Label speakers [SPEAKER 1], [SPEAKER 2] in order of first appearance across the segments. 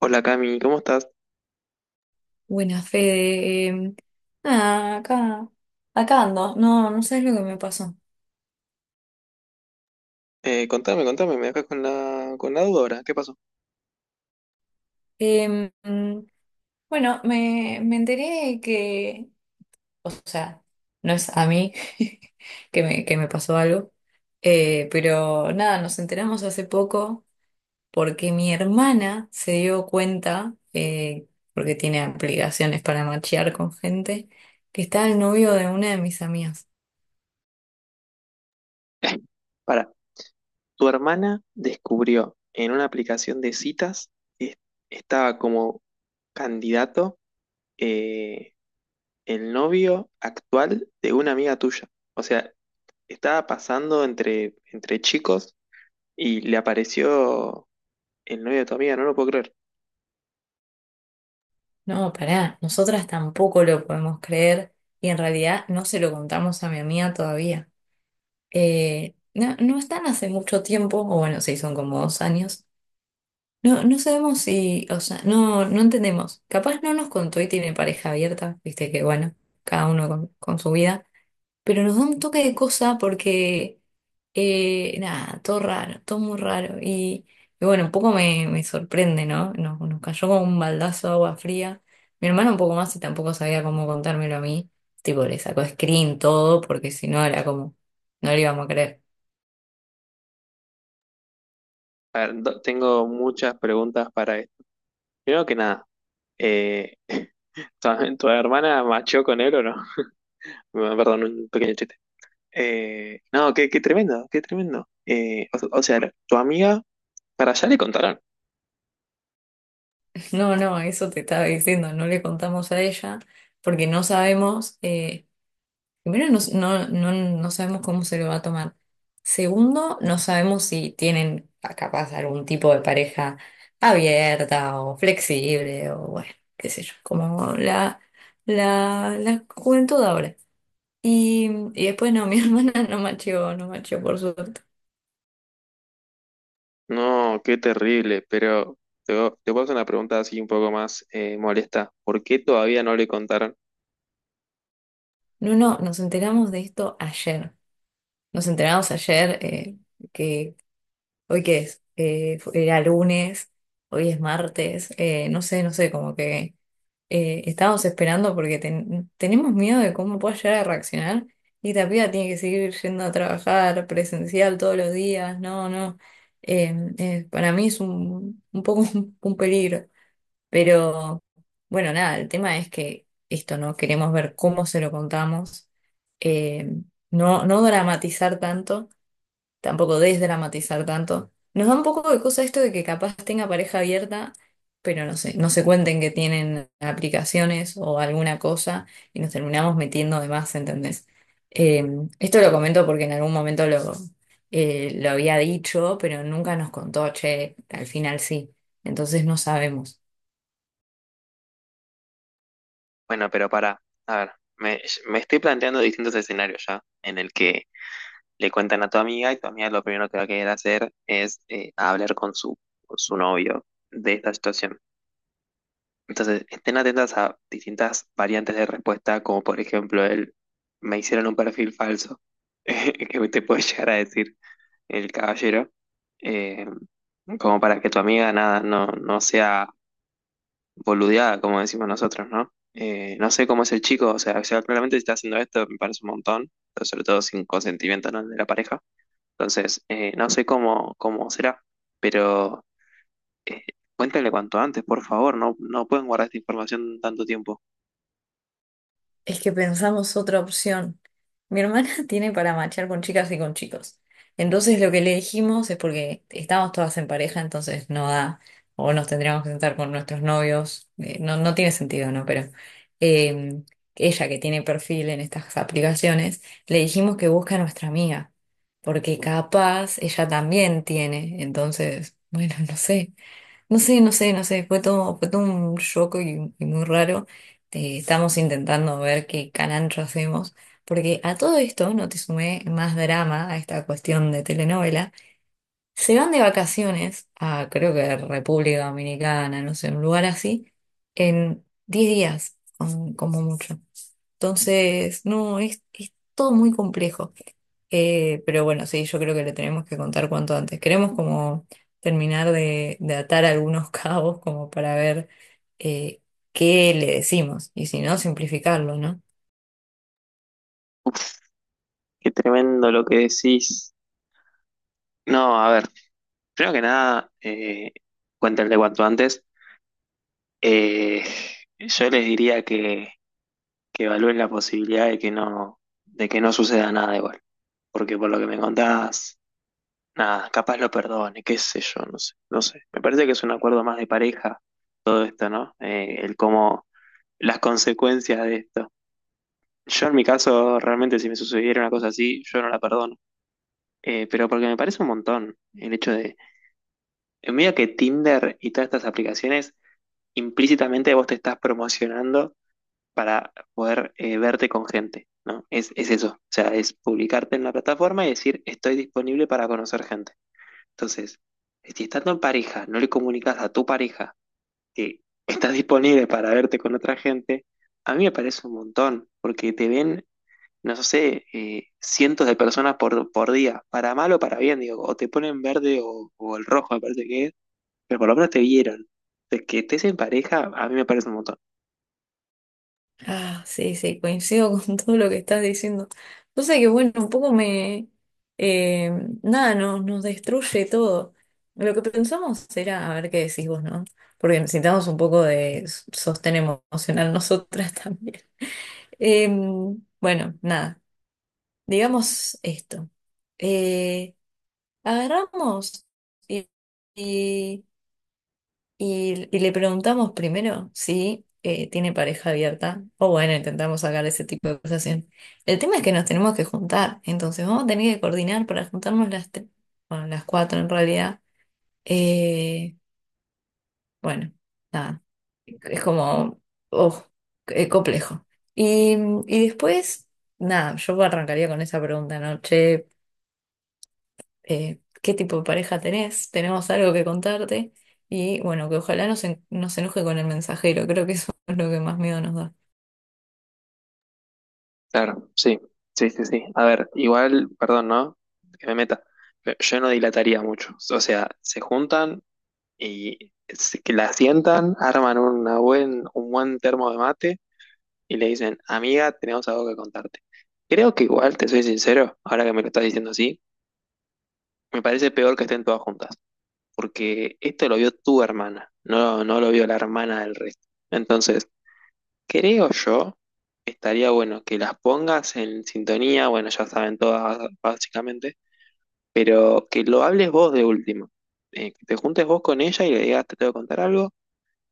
[SPEAKER 1] Hola Cami, ¿cómo estás?
[SPEAKER 2] Buena Fede. Nada, acá ando. No, no sabes lo que me pasó.
[SPEAKER 1] Contame, contame, me dejas con con la duda ahora. ¿Qué pasó?
[SPEAKER 2] Em, mm, bueno, me enteré que o sea, no es a mí que me pasó algo, pero nada, nos enteramos hace poco porque mi hermana se dio cuenta, porque tiene aplicaciones para machear con gente, que está el novio de una de mis amigas.
[SPEAKER 1] Para, tu hermana descubrió en una aplicación de citas que estaba como candidato eh, el novio actual de una amiga tuya. O sea, estaba pasando entre chicos y le apareció el novio de tu amiga, no lo puedo creer.
[SPEAKER 2] No, pará, nosotras tampoco lo podemos creer y en realidad no se lo contamos a mi amiga todavía. No, no están hace mucho tiempo, o bueno, sí, son como 2 años. No, no sabemos si, o sea, no entendemos. Capaz no nos contó y tiene pareja abierta, viste que bueno, cada uno con su vida. Pero nos da un toque de cosa porque, nada, todo raro, todo muy raro. Y bueno, un poco me sorprende, ¿no? Nos cayó como un baldazo de agua fría. Mi hermano un poco más y tampoco sabía cómo contármelo a mí. Tipo, le sacó screen todo porque si no era como, no le íbamos a creer.
[SPEAKER 1] A ver, tengo muchas preguntas para esto. Primero que nada, eh, ¿tu, tu hermana machó con él o no? Bueno, perdón, un pequeño chiste. No, qué, qué tremendo, qué tremendo. O sea, tu amiga, para allá le contaron.
[SPEAKER 2] No, no, eso te estaba diciendo, no le contamos a ella porque no sabemos. Primero, no, no sabemos cómo se lo va a tomar. Segundo, no sabemos si tienen capaz algún tipo de pareja abierta o flexible o bueno, qué sé yo, como la juventud ahora. Y, y después no, mi hermana no macheó, no macheó por suerte.
[SPEAKER 1] No, qué terrible, pero te puedo hacer una pregunta así un poco más molesta. ¿Por qué todavía no le contaron?
[SPEAKER 2] No, no, nos enteramos de esto ayer. Nos enteramos ayer que hoy qué es, era lunes, hoy es martes, no sé, no sé, como que estábamos esperando porque tenemos miedo de cómo pueda llegar a reaccionar y esta piba tiene que seguir yendo a trabajar presencial todos los días, no, no, eh, para mí es un poco un peligro, pero bueno, nada, el tema es que esto, ¿no? Queremos ver cómo se lo contamos, eh, no, no dramatizar tanto tampoco desdramatizar tanto. Nos da un poco de cosa esto de que capaz tenga pareja abierta, pero no sé, no se cuenten que tienen aplicaciones o alguna cosa y nos terminamos metiendo de más, ¿entendés? Eh, Esto lo comento porque en algún momento lo había dicho, pero nunca nos contó, che, al final sí. Entonces no sabemos.
[SPEAKER 1] Bueno, pero para, a ver, me estoy planteando distintos escenarios ya, en el que le cuentan a tu amiga y tu amiga lo primero que va a querer hacer es hablar con su novio de esta situación. Entonces, estén atentas a distintas variantes de respuesta, como por ejemplo el me hicieron un perfil falso, que te puede llegar a decir el caballero, eh, como para que tu amiga nada, no, no sea boludeada, como decimos nosotros, ¿no? No sé cómo es el chico, o sea, claramente si está haciendo esto me parece un montón, pero sobre todo sin consentimiento, ¿no?, de la pareja. Entonces, no sé cómo, cómo será, pero eh, cuéntale cuanto antes, por favor, no, no pueden guardar esta información tanto tiempo.
[SPEAKER 2] Es que pensamos otra opción. Mi hermana tiene para machear con chicas y con chicos. Entonces lo que le dijimos es porque estamos todas en pareja, entonces no da, o nos tendríamos que sentar con nuestros novios. No, no tiene sentido, ¿no? Pero eh, ella que tiene perfil en estas aplicaciones, le dijimos que busque a nuestra amiga, porque capaz ella también tiene. Entonces, bueno, no sé. No sé, no sé, no sé, fue todo un choco y muy raro. Estamos intentando ver qué carancho hacemos, porque a todo esto, no te sumé más drama a esta cuestión de telenovela, se van de vacaciones a, creo que República Dominicana, no sé, un lugar así, en 10 días, como mucho. Entonces, no, es todo muy complejo. Pero bueno, sí, yo creo que le tenemos que contar cuanto antes. Queremos como terminar de atar algunos cabos como para ver eh, qué le decimos y si no, simplificarlo, ¿no?
[SPEAKER 1] Uf, qué tremendo lo que decís. No, a ver, primero que nada, cuéntenle cuanto antes. Eh, yo les diría que evalúen la posibilidad de que no suceda nada igual. Porque por lo que me contás, nada, capaz lo perdone, qué sé yo, no sé, no sé. Me parece que es un acuerdo más de pareja todo esto, ¿no? El cómo, las consecuencias de esto. Yo en mi caso, realmente si me sucediera una cosa así, yo no la perdono. Pero porque me parece un montón el hecho de en medio que Tinder y todas estas aplicaciones, implícitamente vos te estás promocionando para poder verte con gente, ¿no? Es eso. O sea, es publicarte en la plataforma y decir, estoy disponible para conocer gente. Entonces, si estando en pareja, no le comunicas a tu pareja que estás disponible para verte con otra gente, a mí me parece un montón, porque te ven, no sé, cientos de personas por día, para mal o para bien, digo, o te ponen verde o el rojo, aparte que es pero por lo menos te vieron. De que estés en pareja, a mí me parece un montón.
[SPEAKER 2] Ah, sí, sí, coincido con todo lo que estás diciendo. Cosa que, bueno, un poco me... eh, nada, nos destruye todo. Lo que pensamos era, a ver qué decís vos, ¿no? Porque necesitamos un poco de sostén emocional nosotras también. Bueno, nada, digamos esto. Eh, Agarramos y, y y le preguntamos primero si tiene pareja abierta, o bueno, intentamos sacar ese tipo de conversación. El tema es que nos tenemos que juntar, entonces vamos a tener que coordinar para juntarnos las tres, bueno, las cuatro en realidad. Eh, bueno, nada, es como, oh, complejo. Y, y después, nada, yo arrancaría con esa pregunta, ¿no? Che, qué tipo de pareja tenés, tenemos algo que contarte y bueno, que ojalá no no se enoje con el mensajero, creo que eso es lo que más miedo nos da.
[SPEAKER 1] Claro, sí, sí, sí, sí. A ver, igual, perdón, ¿no? Que me meta. Pero yo no dilataría mucho. O sea, se juntan y que la sientan, arman una un buen termo de mate y le dicen, amiga, tenemos algo que contarte. Creo que igual, te soy sincero, ahora que me lo estás diciendo así, me parece peor que estén todas juntas, porque esto lo vio tu hermana, no, no lo vio la hermana del resto. Entonces, creo yo, estaría bueno que las pongas en sintonía, bueno, ya saben todas básicamente, pero que lo hables vos de último. Que te juntes vos con ella y le digas, te tengo que contar algo,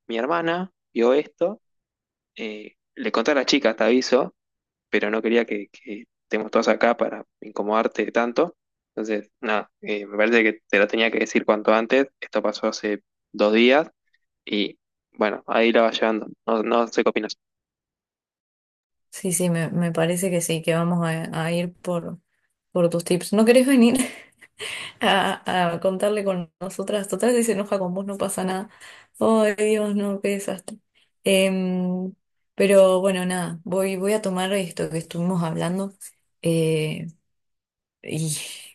[SPEAKER 1] mi hermana vio esto, le conté a la chica, te aviso, pero no quería que estemos todos acá para incomodarte tanto. Entonces, nada, me parece que te lo tenía que decir cuanto antes, esto pasó hace dos días y bueno, ahí la vas llevando, no, no sé qué opinas.
[SPEAKER 2] Sí, sí, me parece que sí, que vamos a ir por tus tips. ¿No querés venir a contarle con nosotras? Total, si se enoja con vos no pasa nada. Ay, Dios, no, qué desastre. Em, pero bueno, nada, voy a tomar esto que estuvimos hablando. eh, Y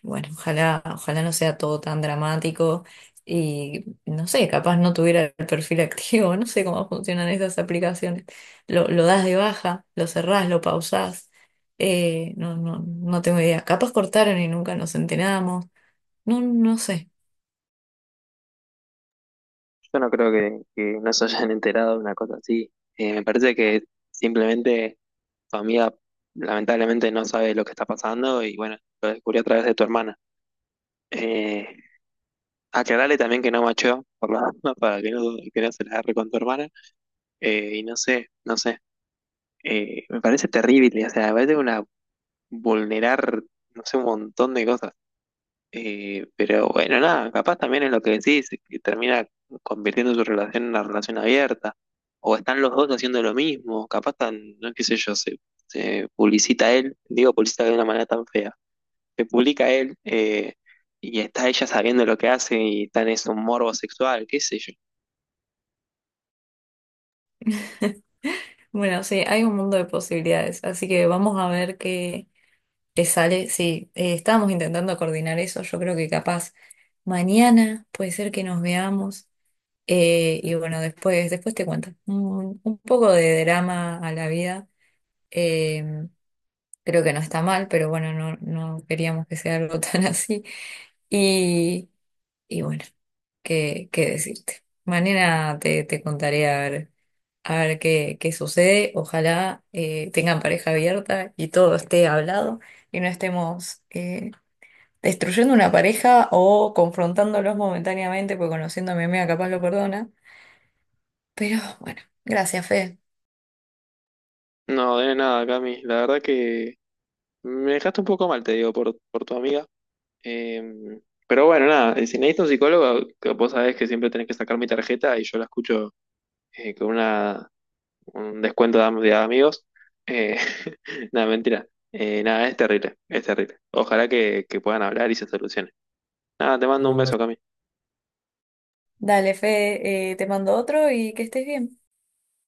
[SPEAKER 2] bueno, ojalá, ojalá no sea todo tan dramático y no sé, capaz no tuviera el perfil activo, no sé cómo funcionan esas aplicaciones. Lo das de baja, lo cerrás, lo pausás, no, no tengo idea. Capaz cortaron y nunca nos enteramos, no sé.
[SPEAKER 1] Yo no creo que no se hayan enterado de una cosa así. Me parece que simplemente tu amiga lamentablemente no sabe lo que está pasando y bueno, lo descubrió a través de tu hermana. Eh, Aclarale también que no macho por la duda, para que no se la agarre con tu hermana. Y no sé, no sé. Me parece terrible, o sea, me parece una vulnerar, no sé, un montón de cosas. Pero bueno, nada, capaz también es lo que decís, que termina convirtiendo su relación en una relación abierta. O están los dos haciendo lo mismo, capaz tan, no qué sé yo, se publicita él, digo publicita de una manera tan fea, se publica él y está ella sabiendo lo que hace y está en ese morbo sexual, qué sé yo.
[SPEAKER 2] Bueno, sí, hay un mundo de posibilidades, así que vamos a ver qué, qué sale. Sí, estábamos intentando coordinar eso, yo creo que capaz mañana puede ser que nos veamos. Y bueno, después, después te cuento. Un poco de drama a la vida. eh, Creo que no está mal, pero bueno, no, no queríamos que sea algo tan así. Y, y bueno, ¿qué, qué decirte? Mañana te contaré a ver qué, qué sucede. Ojalá tengan pareja abierta y todo esté hablado y no estemos destruyendo una pareja o confrontándolos momentáneamente, porque conociendo a mi amiga capaz lo perdona. Pero bueno, gracias, Fe.
[SPEAKER 1] No, de nada, Cami, la verdad que me dejaste un poco mal, te digo, por tu amiga. Em, pero bueno, nada, si necesitas un psicólogo, que vos sabés que siempre tenés que sacar mi tarjeta y yo la escucho con un descuento de, de amigos. Eh, Nada, mentira. Nada, es terrible, es terrible. Ojalá que puedan hablar y se solucione. Nada, te mando un beso, Cami.
[SPEAKER 2] Dale, Fe, te mando otro y que estés bien.